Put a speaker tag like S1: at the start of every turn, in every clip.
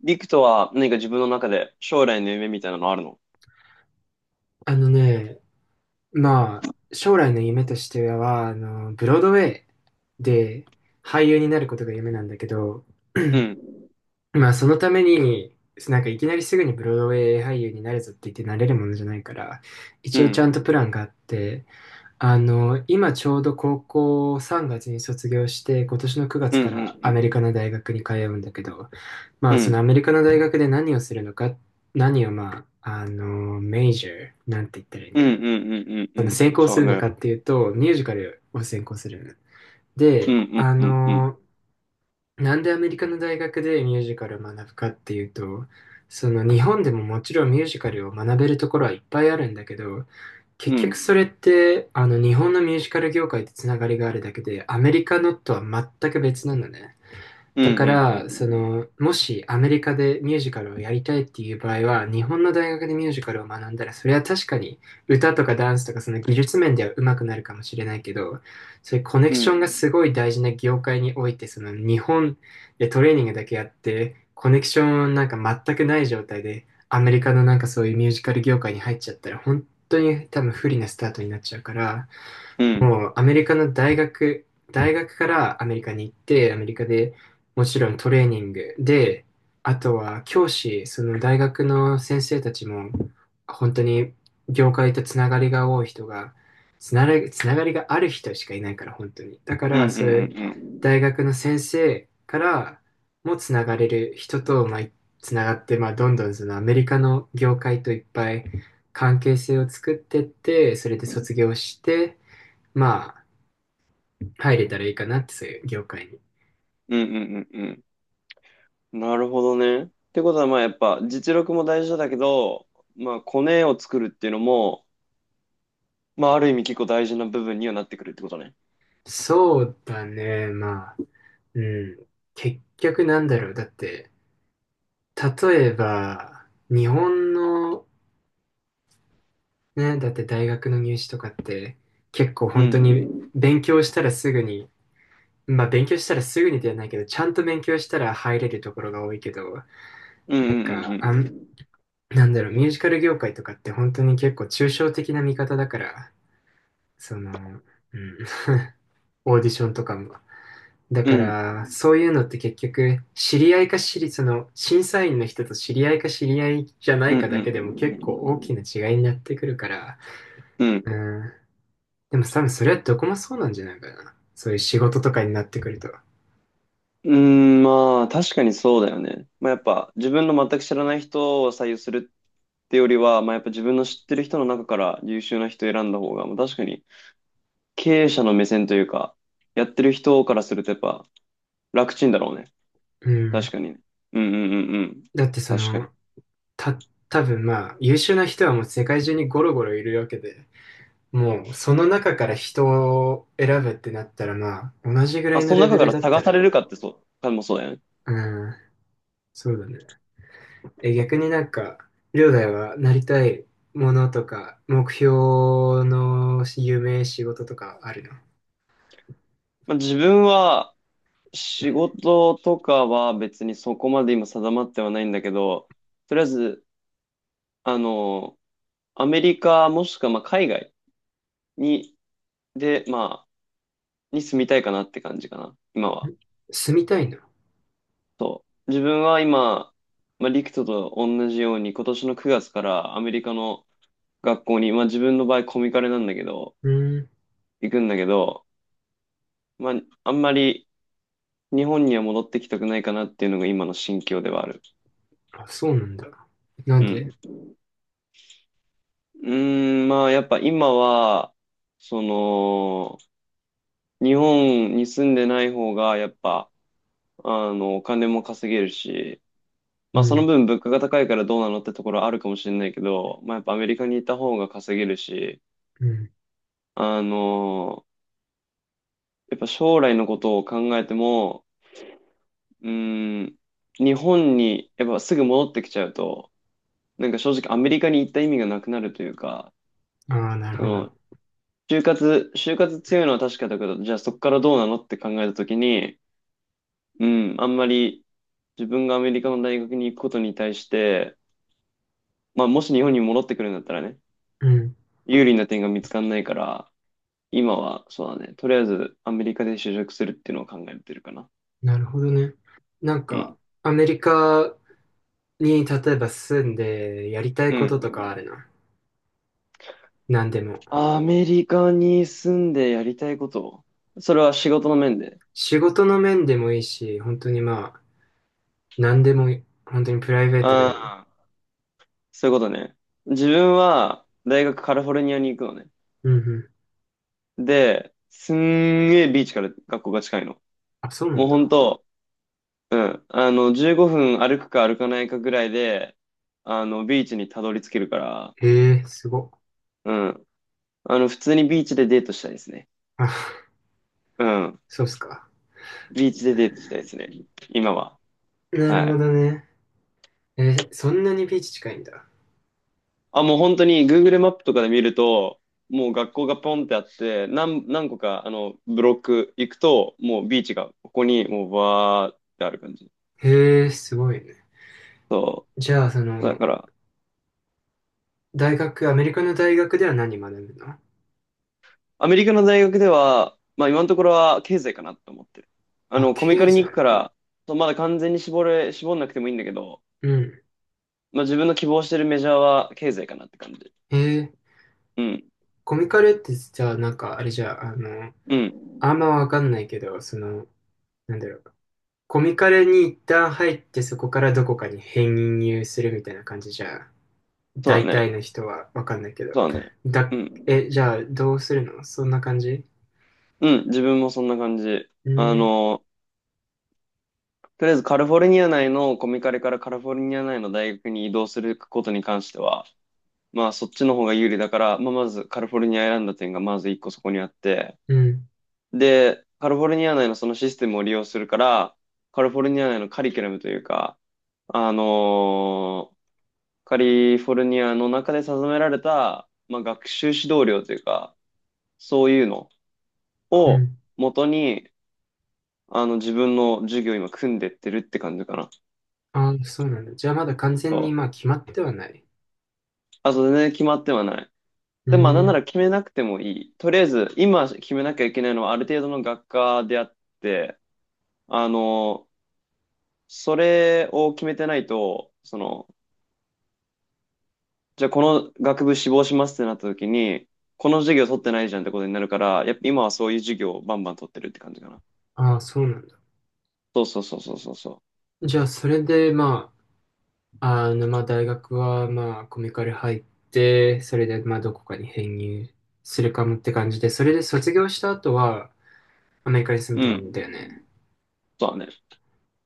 S1: リクとは何か自分の中で将来の夢みたいなのあるの？
S2: あのね、まあ、将来の夢としては、ブロードウェイで俳優になることが夢なんだけど、
S1: うん。
S2: まあ、そのために、なんかいきなりすぐにブロードウェイ俳優になるぞって言ってなれるものじゃないから、
S1: う
S2: 一応ちゃんと
S1: ん。
S2: プランがあって、今ちょうど高校3月に卒業して、今年の9月
S1: うんう
S2: か
S1: ん
S2: ら
S1: う
S2: アメリカ
S1: ん。
S2: の大学に通うんだけど、ま
S1: う
S2: あ、そのア
S1: ん。
S2: メリカの大学で何をするのか、何をまあ、メジャーなんて言ったらいいん
S1: うん
S2: だろ
S1: う
S2: う。
S1: んうんうん
S2: その
S1: うん。
S2: 専攻
S1: そ
S2: す
S1: う
S2: るの
S1: ね。
S2: かっていうと、ミュージカルを専攻する。
S1: うん
S2: で、
S1: うんうんうん。
S2: なんでアメリカの大学でミュージカルを学ぶかっていうと、その日本でももちろんミュージカルを学べるところはいっぱいあるんだけど、
S1: う
S2: 結局
S1: ん。
S2: それってあの日本のミュージカル業界とつながりがあるだけで、アメリカのとは全く別なのね。
S1: うんう
S2: だから、そ
S1: ん
S2: の、もしアメリカでミュージカルをやりたいっていう場合は、日本の大学でミュージカルを学んだら、それは確かに歌とかダンスとかその技術面では上手くなるかもしれないけど、そういうコネク
S1: うん。う
S2: ショ
S1: ん。
S2: ンがすごい大事な業界において、その日本でトレーニングだけやって、コネクションなんか全くない状態で、アメリカのなんかそういうミュージカル業界に入っちゃったら、本当に多分不利なスタートになっちゃうから、
S1: うん
S2: もうアメリカの大学、大学からアメリカに行って、アメリカでもちろんトレーニングで、あとは教師、その大学の先生たちも、本当に業界とつながりが多い人が、つながりがある人しかいないから、本当に。だか
S1: うんう
S2: ら、
S1: んう
S2: そういう
S1: ん。
S2: 大学の先生からもつながれる人と、まあ、つながって、まあ、どんどんそのアメリカの業界といっぱい関係性を作ってって、それで卒業して、まあ、入れたらいいかなって、そういう業界に。
S1: うんうんうんうん。なるほどね。ってことはまあやっぱ実力も大事だけど、まあコネを作るっていうのも、まあある意味結構大事な部分にはなってくるってことね。
S2: そうだね、まあ、うん。結局なんだろう。だって、例えば、日本の、ね、だって大学の入試とかって、結構
S1: う
S2: 本当に
S1: ん。
S2: 勉強したらすぐに、まあ勉強したらすぐにではないけど、ちゃんと勉強したら入れるところが多いけど、
S1: うんう
S2: なん
S1: ん
S2: か、
S1: う
S2: あ
S1: ん
S2: ん、なんだろう、ミュージカル業界とかって本当に結構抽象的な見方だから、その、うん、オーディションとかもだ
S1: うん。
S2: か
S1: うん。
S2: ら、そういうのって結局、知り合いか知り、その、審査員の人と知り合いか知り合いじゃな
S1: う
S2: い
S1: んう
S2: か
S1: んう
S2: だけでも結構
S1: ん。
S2: 大きな違いになってくるから、
S1: う
S2: う
S1: ん
S2: ん。でも多分それはどこもそうなんじゃないかな。そういう仕事とかになってくると。
S1: うーん、まあ、確かにそうだよね。まあ、やっぱ、自分の全く知らない人を採用するってよりは、まあ、やっぱ自分の知ってる人の中から優秀な人を選んだ方が、まあ、確かに、経営者の目線というか、やってる人からするとやっぱ、楽ちんだろうね。
S2: う
S1: 確
S2: ん。
S1: かにね。うんうんうんうん。
S2: だってそ
S1: 確か
S2: の、
S1: に。
S2: た、多分まあ、優秀な人はもう世界中にゴロゴロいるわけで、もうその中から人を選ぶってなったらまあ、同じぐ
S1: ま
S2: ら
S1: あ、
S2: い
S1: そ
S2: の
S1: の
S2: レベ
S1: 中か
S2: ル
S1: ら
S2: だっ
S1: 探
S2: た
S1: さ
S2: ら、
S1: れるかってそう、かもそうだよね。
S2: うん、そうだね。え、逆になんか、りょうだいはなりたいものとか、目標の夢、仕事とかあるの？
S1: まあ、自分は、仕事とかは別にそこまで今定まってはないんだけど、とりあえず、あの、アメリカもしくはまあ海外、に、で、まあ、に住みたいかなって感じかな、今は。
S2: 住みたいの？
S1: そう。自分は今、まあ、リクトと同じように、今年の9月からアメリカの学校に、まあ自分の場合コミカレなんだけど、
S2: うん。
S1: 行くんだけど、まあ、あんまり日本には戻ってきたくないかなっていうのが今の心境ではある。
S2: あ、そうなんだ。なん
S1: う
S2: で？
S1: ん。うーん、まあやっぱ今は、その、日本に住んでない方が、やっぱ、お金も稼げるし、
S2: う
S1: まあその
S2: ん。
S1: 分物価が高いからどうなのってところあるかもしれないけど、まあやっぱアメリカにいた方が稼げるし、
S2: うん。
S1: あのやっぱ将来のことを考えても、うーん、日本にやっぱすぐ戻ってきちゃうと、なんか正直アメリカに行った意味がなくなるというか、
S2: ああ、なる
S1: そ
S2: ほ
S1: の、
S2: ど。
S1: 就活強いのは確かだけど、じゃあそこからどうなのって考えたときに、うん、あんまり自分がアメリカの大学に行くことに対して、まあもし日本に戻ってくるんだったらね、
S2: うん。
S1: 有利な点が見つかんないから、今は、そうだね。とりあえず、アメリカで就職するっていうのを考えてるかな。
S2: なるほどね。なん
S1: う
S2: か、
S1: ん。
S2: アメリカに例えば住んでやりたい
S1: う
S2: こととかあ
S1: ん。
S2: るの？なんでも。
S1: アメリカに住んでやりたいこと？それは仕事の面で？
S2: 仕事の面でもいいし、本当にまあ、なんでもいい、本当にプライベートで
S1: あ
S2: も。
S1: あ、そういうことね。自分は、大学カリフォルニアに行くのね。
S2: うんうん。
S1: で、すんげえビーチから学校が近いの。
S2: あ、そうな
S1: もう
S2: ん
S1: ほん
S2: だ。
S1: と、うん。15分歩くか歩かないかぐらいで、ビーチにたどり着けるから、
S2: へえ、すごっ。
S1: うん。普通にビーチでデートしたいですね。
S2: あ、
S1: うん。
S2: そうっすか。
S1: ビーチでデートしたいですね。今は。
S2: なる
S1: は
S2: ほ
S1: い。
S2: どね。え、そんなにビーチ近いんだ。
S1: あ、もう本当に Google マップとかで見ると、もう学校がポンってあって、何個か、ブロック行くと、もうビーチがここにもうバーってある感じ。
S2: へえ、すごいね。
S1: そ
S2: じゃあ、そ
S1: う。だ
S2: の、
S1: から、
S2: 大学、アメリカの大学では何学ぶの？
S1: アメリカの大学では、まあ今のところは経済かなと思ってる。
S2: あ、
S1: コミカ
S2: 経
S1: ルに行く
S2: 済。
S1: から、そうまだ完全に絞んなくてもいいんだけど、
S2: うん。
S1: まあ自分の希望してるメジャーは経済かなって感じ。
S2: へえー、
S1: うん。
S2: コミカルってさ、なんか、あれじゃあ、あの、
S1: うん。
S2: あんまわかんないけど、その、なんだろう。コミカルに一旦入って、そこからどこかに編入するみたいな感じじゃ、
S1: そうだ
S2: 大体
S1: ね。
S2: の人はわかんないけど。
S1: そうだね。う
S2: だ、え、
S1: ん。
S2: じゃあ、どうするのそんな感じ？
S1: うん、自分もそんな感じ。
S2: う
S1: あ
S2: ん、
S1: の、とりあえずカリフォルニア内のコミカレからカリフォルニア内の大学に移動することに関しては、まあそっちの方が有利だから、まあまずカリフォルニア選んだ点がまず一個そこにあって、
S2: うん、
S1: で、カリフォルニア内のそのシステムを利用するから、カリフォルニア内のカリキュラムというか、あのーカリフォルニアの中で定められた、まあ、学習指導料というか、そういうの
S2: う
S1: を
S2: ん。
S1: 元に、自分の授業を今組んでってるって感じかな。
S2: ああ、そうなんだ。じゃあまだ完
S1: そ
S2: 全に
S1: う。
S2: まあ決まってはない。
S1: あと全然決まってはない。
S2: う
S1: で、まあ、なん
S2: ー
S1: な
S2: ん。
S1: ら決めなくてもいい。とりあえず、今決めなきゃいけないのはある程度の学科であって、あの、それを決めてないと、じゃあこの学部志望しますってなった時に、この授業取ってないじゃんってことになるから、やっぱ今はそういう授業をバンバン取ってるって感じかな。
S2: ああ、そうなんだ。
S1: そうそうそうそうそうそ
S2: じゃあそれでまあ、あのまあ大学はまあコミカル入って、それでまあどこかに編入するかもって感じで、それで卒業した後はアメリカに住み
S1: う。
S2: た
S1: う
S2: い
S1: ん。
S2: んだよね。
S1: そうだね。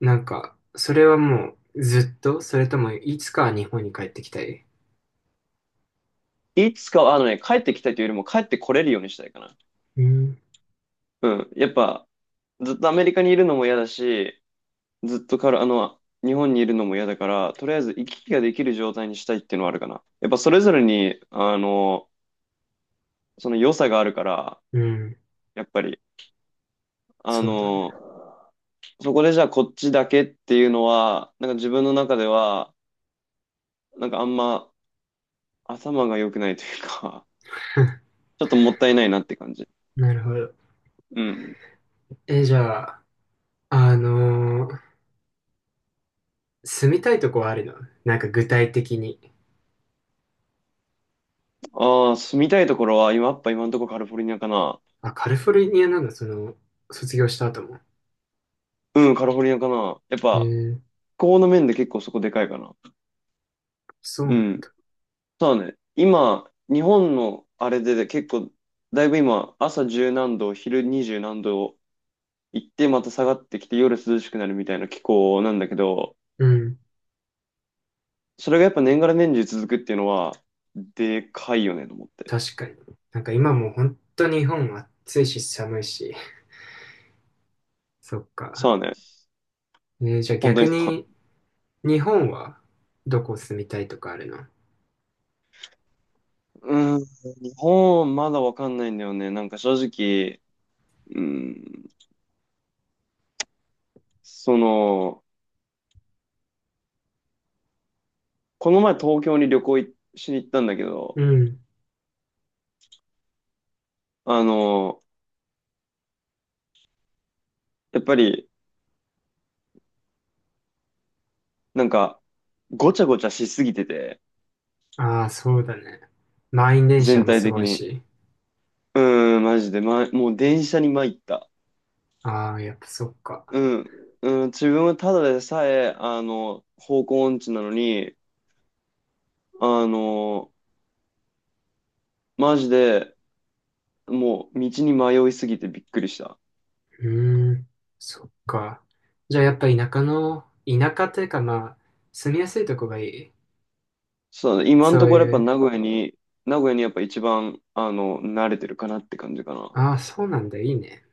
S2: なんか、それはもうずっと、それともいつかは日本に帰ってきたい？
S1: いつかは、帰ってきたいというよりも帰ってこれるようにしたいかな。
S2: うん。
S1: うん。やっぱ、ずっとアメリカにいるのも嫌だし、ずっとから、日本にいるのも嫌だから、とりあえず行き来ができる状態にしたいっていうのはあるかな。やっぱそれぞれに、その良さがあるから、
S2: うん。
S1: やっぱり、あ
S2: そうだね。
S1: の、そこでじゃあこっちだけっていうのは、なんか自分の中では、なんかあんま頭が良くないというか、ちょっともったいないなって感じ。
S2: なるほど。
S1: うん。
S2: え、じゃあ、あのー住みたいとこはあるの？なんか具体的に。
S1: ああ、住みたいところは、今、やっぱ今のところカリフォルニアかな。
S2: あ、カリフォルニアなんだ、その、卒業した後も。
S1: うん、カリフォルニアかな。やっ
S2: へえ
S1: ぱ、
S2: ー、
S1: 気候の面で結構そこでかいかな。
S2: そうな
S1: う
S2: ん
S1: ん。
S2: だ。
S1: そうだね。今、日本のあれで結構、だいぶ今、朝十何度、昼二十何度行って、また下がってきて、夜涼しくなるみたいな気候なんだけど、
S2: うん、
S1: それがやっぱ年がら年中続くっていうのは、でかいよねと思って。
S2: 確かに。なんか今もう本当日本暑いし寒いし。そっか。
S1: そうだね。
S2: えー、じゃあ
S1: 本当
S2: 逆
S1: にそう。
S2: に、日本はどこ住みたいとかあるの？
S1: うーん、日本まだわかんないんだよね。なんか正直、うーん、その、この前東京に旅行いしに行ったんだけ
S2: う
S1: ど、
S2: ん。
S1: あの、やっぱり、なんか、ごちゃごちゃしすぎてて、
S2: ああ、そうだね。満員電車
S1: 全
S2: も
S1: 体
S2: すご
S1: 的
S2: い
S1: に。
S2: し。
S1: うーん、マジで、もう電車に参った。
S2: ああ、やっぱそっか。
S1: うん、うん、自分はただでさえ、方向音痴なのに、あの、マジで、もう道に迷いすぎてびっくりした。
S2: うーん、そっか。じゃあやっぱ田舎というかまあ、住みやすいとこがいい。
S1: そうだね、今の
S2: そ
S1: と
S2: う
S1: ころやっ
S2: い
S1: ぱ
S2: う、
S1: 名古屋にやっぱ一番、慣れてるかなって感じかな。
S2: ああ、そうなんだ、いいね。